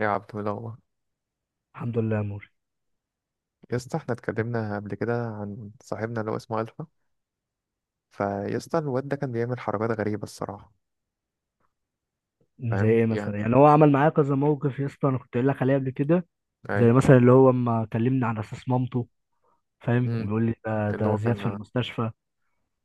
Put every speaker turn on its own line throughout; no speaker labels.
ايه يا عبد الله؟
الحمد لله يا موري.
يا اسطى، احنا اتكلمنا قبل كده عن صاحبنا اللي هو اسمه الفا. فيا اسطى، الواد ده كان بيعمل حركات غريبه الصراحه.
زي
فاهم
ايه مثلا؟
يعني.
يعني هو عمل معايا كذا موقف يا اسطى، انا كنت قايل لك عليه قبل كده.
اي.
زي مثلا اللي هو اما كلمني على اساس مامته، فاهم،
امم
وبيقول لي ده,
اللي
ده
هو
زياد في
كان
المستشفى.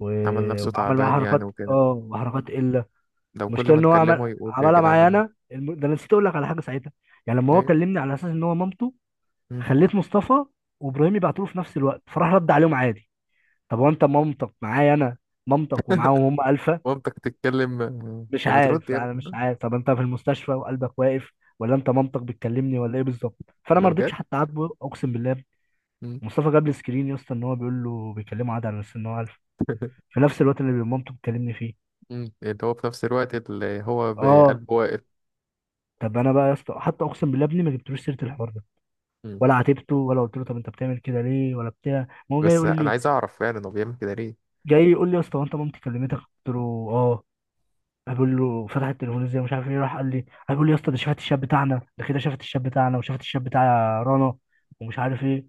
و...
عمل نفسه
وعمل معايا
تعبان يعني
حركات
وكده. مم.
وحركات قله.
لو كل
المشكله
ما
ان هو
نكلمه
عمل
يقول لي يا
عملها معايا
جدعان.
انا، ده انا نسيت اقول لك على حاجه ساعتها. يعني لما هو
ايه.
كلمني على اساس ان هو مامته،
مم.
خليت مصطفى وابراهيم يبعتوا له في نفس الوقت، فراح رد عليهم عادي. طب هو انت مامتك معايا انا، مامتك ومعاهم هم 1000؟
مامتك تتكلم،
مش
آه، بترد
عارف
يا
انا مش
ابني.
عارف طب انت في المستشفى وقلبك واقف، ولا انت منطق بتكلمني ولا ايه بالظبط؟ فانا
ده
ما رضيتش
بجد.
حتى اعاتبه اقسم بالله.
مم.
مصطفى جاب لي سكرين يا اسطى، ان هو بيقول له بيكلمه عادي على اساس ان هو الف، في نفس الوقت اللي مامته بتكلمني فيه.
مم. اللي هو في نفس الوقت اللي هو
اه.
بقلبه واقف.
طب انا بقى يا اسطى، حتى اقسم بالله ابني ما جبتلوش سيره الحوار ده،
مم.
ولا عاتبته ولا قلت له طب انت بتعمل كده ليه ولا بتاع، ما هو جاي
بس
يقول
انا
لي.
عايز اعرف فعلا هو بيعمل كده ليه؟
جاي يقول لي يا اسطى، هو انت مامتي كلمتك؟ قلت له اه. بقول له فتح التلفزيون زي مش عارف ايه، راح قال لي، بقول له يا اسطى، ده شافت الشاب بتاعنا ده كده، شافت الشاب بتاعنا وشافت الشاب بتاع رنا ومش عارف ايه.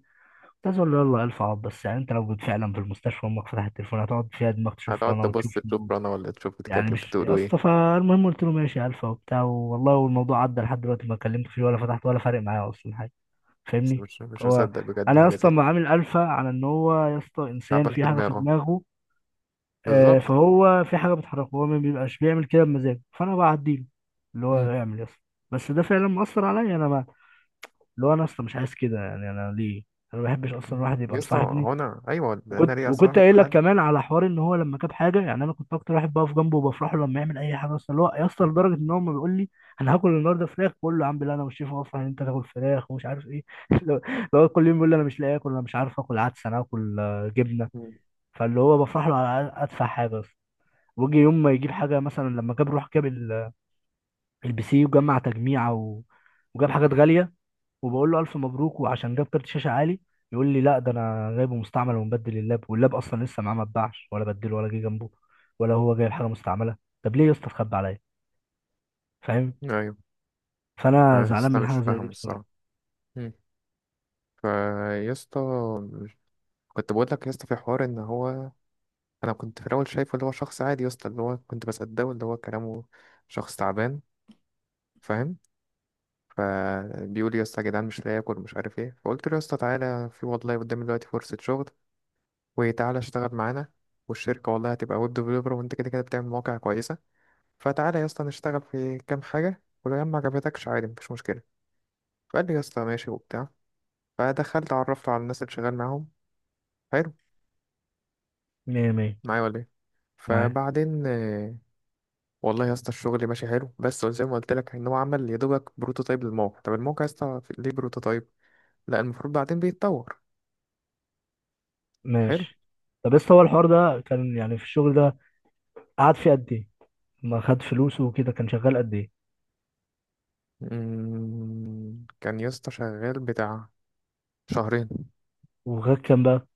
كنت عايز اقول له يلا الف عبط، بس يعني انت لو كنت فعلا في المستشفى، امك فتحت التليفون هتقعد فيها دماغ تشوف
هتقعد
رنا وتشوف
تبص تشوف رنا ولا تشوف
يعني؟
بتكلم
مش يا
بتقولوا
اسطى.
ايه؟
فالمهم قلت له ماشي يا الفا وبتاع والله، والموضوع عدى، لحد دلوقتي ما كلمت فيه ولا فتحت ولا فارق معايا اصلا حاجه،
بس
فاهمني.
مش
هو
مصدق بجد
انا يا
حاجة زي
اسطى
دي.
ما عامل الفا على ان هو يا اسطى انسان
تعبان
في
في
حاجه في
دماغه.
دماغه. آه،
بالظبط.
فهو في حاجه بتحركه، هو ما بيبقاش بيعمل كده بمزاجه، فانا بعديله اللي هو
مم.
يعمل يس. بس ده فعلا مأثر عليا، انا ما، اللي هو انا اصلا مش عايز كده، يعني انا ليه؟ انا ما بحبش اصلا الواحد يبقى
يسطا
مصاحبني.
هو أنا أيوة لأن
وكنت
ليه
وكنت
أصلا في
قايل لك
حد؟
كمان على حوار ان هو لما جاب حاجه، يعني انا كنت اكتر واحد بقف جنبه وبفرح له لما يعمل اي حاجه اصلا، اللي هو يا اسطى، لدرجه ان هو ما بيقول لي انا هاكل النهارده فراخ، بقول له يا عم لا، انا مش شايف اصلا ان انت تاكل فراخ ومش عارف ايه. اللي هو كل يوم بيقول لي انا مش لاقي اكل، انا مش عارف اكل عدس، انا هاكل آه، جبنه.
مم.
فاللي هو بفرح له على ادفع حاجه. وجي يوم ما يجيب حاجه، مثلا لما جاب، روح جاب البي سي وجمع تجميعه، وجاب حاجات غاليه، وبقول له الف مبروك، وعشان جاب كارت شاشه عالي، يقول لي لا ده انا جايبه مستعمل ومبدل اللاب، واللاب اصلا لسه معاه ما اتباعش ولا بدله ولا جه جنبه، ولا هو جايب حاجه مستعمله. طب ليه يا اسطى اتخبى عليا، فاهم؟
أيوه.
فانا
أنا
زعلان
يسطا
من
مش
حاجه زي دي
فاهم
بصراحه.
الصراحة. مم. فيسطا، كنت بقول لك يسطا في حوار إن هو، أنا كنت في الأول شايفه اللي هو شخص عادي يسطا اللي هو كنت بصدقه اللي هو كلامه. شخص تعبان. فاهم. فبيقول يسطا يا اسطى يا جدعان مش لاقي آكل مش عارف إيه، فقلت له يسطا تعالى في والله قدامي دلوقتي فرصة شغل وتعالى اشتغل معانا، والشركة والله هتبقى ويب ديفلوبر وانت كده كده بتعمل مواقع كويسة. فتعالى يا اسطى نشتغل في كام حاجة، ولو يا عم ما عجبتكش عادي مفيش مشكلة. فقال لي يا اسطى ماشي وبتاع. فدخلت عرفته على الناس اللي شغال معاهم. حلو.
مية مية.
معايا ولا ايه؟
معايا.
فبعدين والله يا اسطى الشغل ماشي حلو، بس زي ما قلت لك ان هو عمل يا دوبك بروتوتايب للموقع. طب الموقع يا اسطى ليه بروتوتايب؟ لا المفروض بعدين بيتطور. حلو.
ماشي. طب لسه هو الحوار ده كان يعني في الشغل ده، قعد فيه قد ايه؟ ما خد فلوسه وكده، كان شغال قد ايه؟
مم، كان يا اسطى شغال بتاع شهرين.
وغير كام بقى؟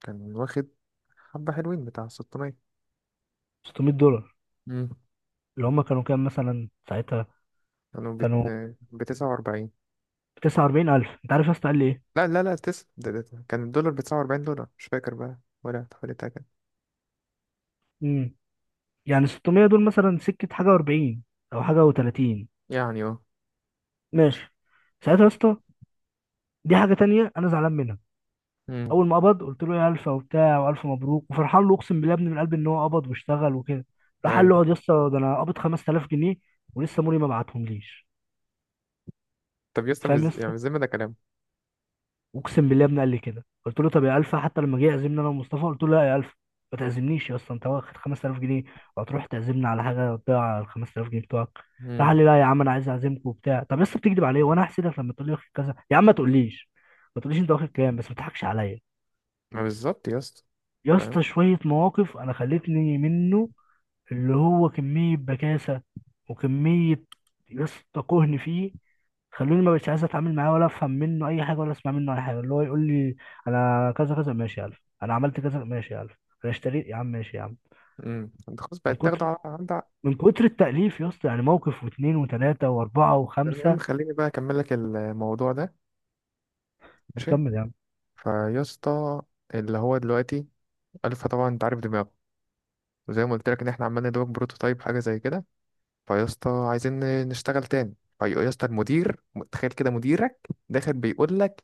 كان واخد حبة حلوين بتاع 600.
600 دولار.
مم.
اللي هم كانوا كام مثلا ساعتها؟
كانوا
كانوا
ب49.
49000. انت عارف يا اسطى قال لي ايه؟
لا لا لا، ده. كان الدولار ب49 دولار، مش فاكر بقى ولا حوالي كده.
امم، يعني 600 دول مثلا سكه حاجه و40 او حاجه و30.
يعني اه.
ماشي. ساعتها يا اسطى، دي حاجه تانية انا زعلان منها.
مم.
اول ما قبض، قلت له يا الفا وبتاع والف مبروك وفرحان له، اقسم بالله يا ابني من قلبي، ان هو قبض واشتغل وكده. راح قال له
أيوة.
اقعد يا اسطى، ده انا قبض 5000 جنيه، ولسه موري ما بعتهم ليش.
طب يا اسطى
فاهم يا
يعني
اسطى؟
بالذمة ده كلام؟
اقسم بالله يا ابني قال لي كده. قلت له طب يا الفا، حتى لما جه يعزمني انا ومصطفى، قلت له لا يا الفا، ما تعزمنيش يا اسطى، انت واخد 5000 جنيه وهتروح تعزمني على حاجه تضيع ال 5000 جنيه بتوعك؟ راح
مم.
قال لي لا يا عم انا عايز اعزمكم وبتاع. طب يا اسطى بتكذب عليا، وانا هحسدك لما تقول لي واخد كذا؟ يا عم ما تقوليش، ما تقوليش انت واخد كام، بس ما تضحكش عليا.
ما بالظبط يا اسطى.
يا
فاهم.
اسطى شويه مواقف انا خلتني منه، اللي هو كميه بكاسه وكميه، يا اسطى كهن فيه، خلوني ما بقتش عايز اتعامل معاه ولا افهم منه اي حاجه ولا اسمع منه اي حاجه. اللي هو يقول لي انا كذا كذا، ماشي يا الف. انا عملت كذا، ماشي يا الف. انا اشتريت يا عم، ماشي يا عم.
مم. انت خلاص
من
بقت تاخده
كتر
على عند.
من كتر التأليف يا اسطى، يعني موقف واثنين وثلاثه واربعه وخمسه.
المهم خليني بقى أكمل لك الموضوع ده. ماشي.
كمل يا عم.
فيا اسطى، اللي هو دلوقتي ألفا طبعا أنت عارف دماغه، وزي ما قلت لك إن إحنا عمالين ندوق بروتوتايب حاجة زي كده. فيا اسطى عايزين نشتغل تاني. فيا اسطى المدير، تخيل كده مديرك داخل بيقول لك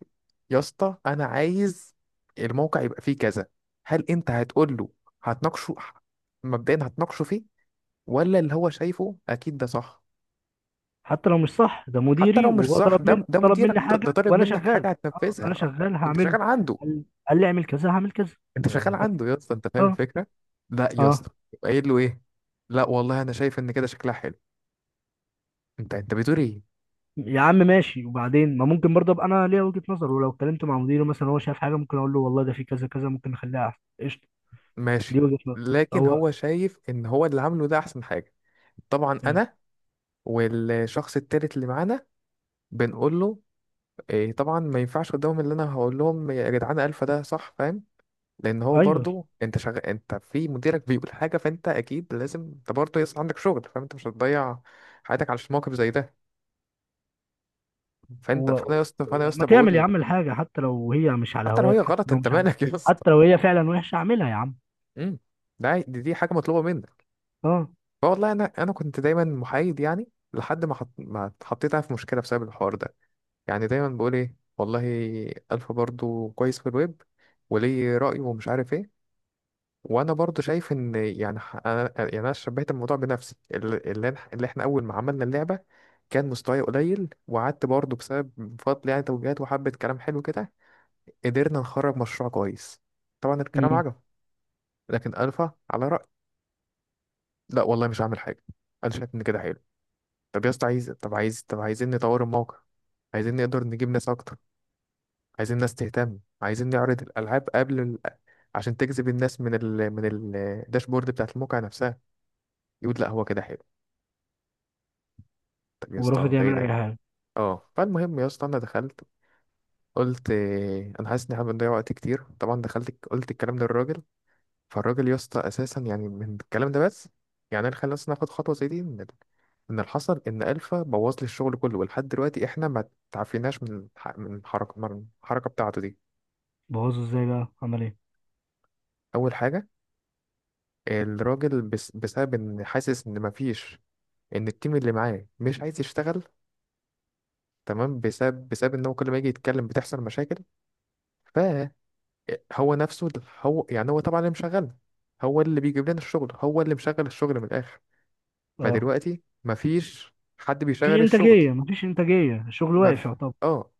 يا اسطى انا عايز الموقع يبقى فيه كذا. هل انت هتقول له؟ هتناقشه؟ مبدئيا هتناقشه فيه ولا اللي هو شايفه اكيد ده صح؟
حتى لو مش صح، ده
حتى
مديري،
لو مش
وهو
صح
طلب
ده
مني،
ده
طلب
مديرك،
مني حاجه
ده طالب
وانا
منك
شغال.
حاجه
اه، انا
هتنفذها.
شغال
انت
هعمله.
شغال عنده.
قال قال لي اعمل كذا، هعمل كذا.
انت شغال
يعني بس.
عنده يا اسطى، انت فاهم
اه.
الفكره. لا يا
اه.
اسطى يبقى قايل له ايه؟ لا والله انا شايف ان كده شكلها حلو. انت بتقول ايه؟
يا عم ماشي. وبعدين ما ممكن برضه ابقى انا ليا وجهة نظر، ولو اتكلمت مع مديره مثلا هو شايف حاجه ممكن اقول له والله ده في كذا كذا ممكن نخليها احسن، قشطه؟ دي
ماشي.
وجهة نظر.
لكن
هو.
هو شايف ان هو اللي عامله ده احسن حاجه. طبعا
مم.
انا والشخص التالت اللي معانا بنقول له إيه، طبعا ما ينفعش قدامهم اللي انا هقول لهم يا جدعان الفا ده صح، فاهم. لان هو
ايوه.
برضو، انت شغال، انت في مديرك بيقول حاجه فانت اكيد لازم انت برضو يصل عندك شغل، فاهم، انت مش هتضيع حياتك على موقف زي ده. فانت
هو.
فانا يا اسطى فانا يا
ما
اسطى
تعمل يا
بقول،
عم الحاجه حتى لو هي مش على
حتى لو
هواك،
هي
حتى
غلط
لو
انت
مش عم.
مالك يا اسطى؟
حتى لو هي فعلا وحشه، اعملها يا عم.
امم ده عادي، دي حاجه مطلوبه منك.
اه.
والله انا كنت دايما محايد، يعني لحد ما ما اتحطيت أنا في مشكله بسبب الحوار ده. يعني دايما بقول ايه والله الفا برضو كويس في الويب وليه راي ومش عارف ايه، وانا برضو شايف ان يعني انا يعني انا شبهت الموضوع بنفسي اللي اللي احنا اول ما عملنا اللعبه كان مستواي قليل، وقعدت برضو بسبب بفضل يعني توجيهات وحبه كلام حلو كده قدرنا نخرج مشروع كويس. طبعا الكلام
امم.
عجب. لكن الفا على راي، لا والله مش هعمل حاجه، انا شايف ان كده حلو. طب عايزين نطور الموقع، عايزين نقدر نجيب ناس اكتر، عايزين ناس تهتم، عايزين نعرض الالعاب قبل عشان تجذب الناس من من الداشبورد بتاعت الموقع نفسها. يقول لا هو كده حلو. طب يا
ورافض
اسطى ده ايه
يعمل اي
ده؟
حاجه.
اه فالمهم يا اسطى انا دخلت، قلت انا حاسس ان احنا بنضيع وقت كتير. طبعا دخلت قلت الكلام للراجل. فالراجل يا اسطى اساسا يعني من الكلام ده بس يعني انا، خلينا اصلا ناخد خطوه زي دي. ان ان الحصل ان الفا بوظ لي الشغل كله، ولحد دلوقتي احنا ما تعافيناش من من الحركه بتاعته دي.
بوظه ازاي بقى، عمل ايه؟
اول حاجه الراجل بس بسبب ان حاسس ان ما فيش، ان التيم اللي معاه مش عايز يشتغل، تمام، بسبب ان هو كل ما يجي يتكلم بتحصل مشاكل. فهو نفسه هو يعني هو طبعا اللي مشغل، هو اللي بيجيب لنا الشغل، هو اللي مشغل الشغل من الاخر.
اه.
فدلوقتي مفيش حد
مفيش
بيشغل الشغل.
انتاجيه، مفيش انتاجيه، الشغل واقف
مف...
يعتبر.
اه.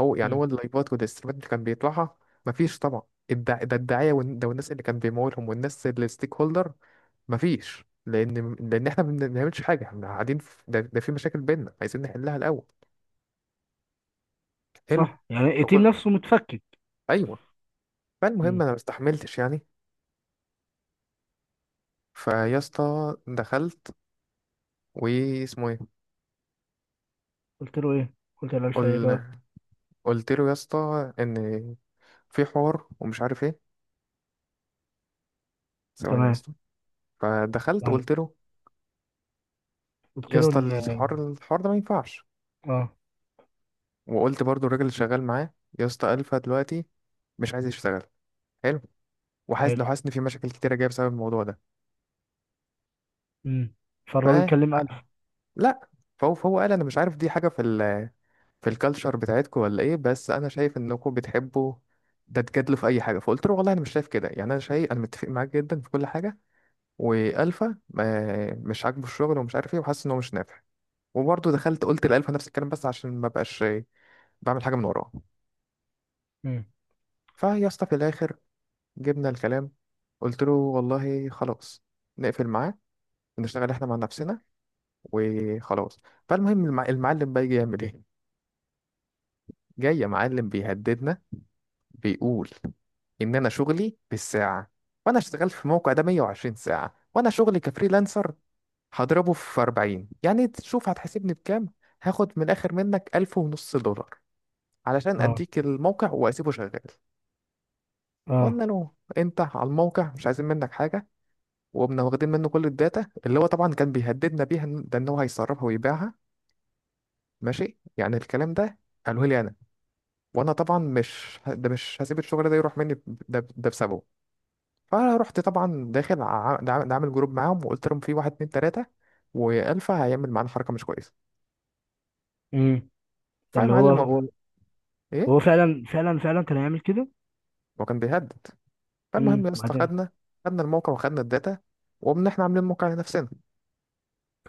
هو يعني
مم.
هو اللايفات والستريمات اللي كان بيطلعها، مفيش طبعا. الدعاية وال- ده والناس اللي كان بيمولهم، والناس الستيك هولدر، مفيش، لان احنا ما بنعملش حاجه، احنا قاعدين ده في مشاكل بينا عايزين نحلها الاول. حلو.
صح، يعني التيم
فقلت
نفسه متفكك.
ايوه، فالمهم
مم.
انا ما استحملتش يعني. فيا اسطى دخلت، واسمه ايه،
قلت له ايه، قلت له الف ايه
قل...
بقى؟
قلت له يا اسطى ان في حوار ومش عارف ايه. ثواني يا
تمام.
اسطى. فدخلت قلت له
قلت
يا
له
اسطى
ان،
الحوار ده ما ينفعش.
اه.
وقلت برضو الراجل اللي شغال معاه يا اسطى الفا دلوقتي مش عايز يشتغل. حلو.
حلو.
لو حاسس ان في مشاكل كتيره جايه بسبب الموضوع ده.
امم.
ف
فالراجل كلم ألف.
لا، فهو قال انا مش عارف دي حاجه في الكالتشر بتاعتكم ولا ايه، بس انا شايف انكم بتحبوا ده تجادلوا في اي حاجه. فقلت له والله انا مش شايف كده، يعني انا شايف انا متفق معاك جدا في كل حاجه، والفا مش عاجبه الشغل ومش عارف ايه وحاسس ان هو مش نافع. وبرضه دخلت قلت لالفا نفس الكلام، بس عشان ما بقاش بعمل حاجه من وراه.
امم.
فيا اسطى في الاخر جبنا الكلام، قلت له والله خلاص، نقفل معاه ونشتغل احنا مع نفسنا وخلاص. فالمهم المعلم بقى يجي يعمل ايه؟ جاي يا معلم بيهددنا، بيقول ان انا شغلي بالساعه، وانا اشتغلت في الموقع ده 120 ساعه، وانا شغلي كفريلانسر، هضربه في 40 يعني، تشوف هتحاسبني بكام. هاخد من الاخر منك 1500 دولار علشان
اه.
اديك الموقع واسيبه شغال.
اه.
قلنا له انت على الموقع مش عايزين منك حاجه، وقمنا واخدين منه كل الداتا اللي هو طبعا كان بيهددنا بيها إن- ده ان هو هيسربها ويبيعها. ماشي يعني، الكلام ده قالوه لي انا، وانا طبعا مش ه- ده مش هسيب الشغل ده يروح مني ده بسببه. فرحت طبعا داخل ع- ده عامل ده عامل جروب معاهم، وقلت لهم في واحد اتنين تلاته والفا هيعمل معانا حركه مش كويسه.
امم. ده اللي هو
فمعلم هو،
هو.
ايه،
هو فعلا فعلا فعلا كان هيعمل كده.
هو كان بيهدد. فالمهم
امم.
يا اسطى
بعدين،
خدنا الموقع وخدنا الداتا وقمنا احنا عاملين موقع لنفسنا.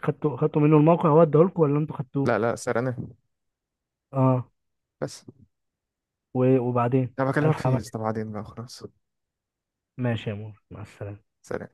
خدتوا منه الموقع؟ هو اداهولكوا ولا انتوا خدتوه؟
لا لا، سرقناه.
اه.
بس
وبعدين؟
انا بكلمك
ألف
في ايه يا
عمل إيه؟
اسطى، بعدين بقى خلاص.
ماشي يا مور، مع السلامة.
سلام.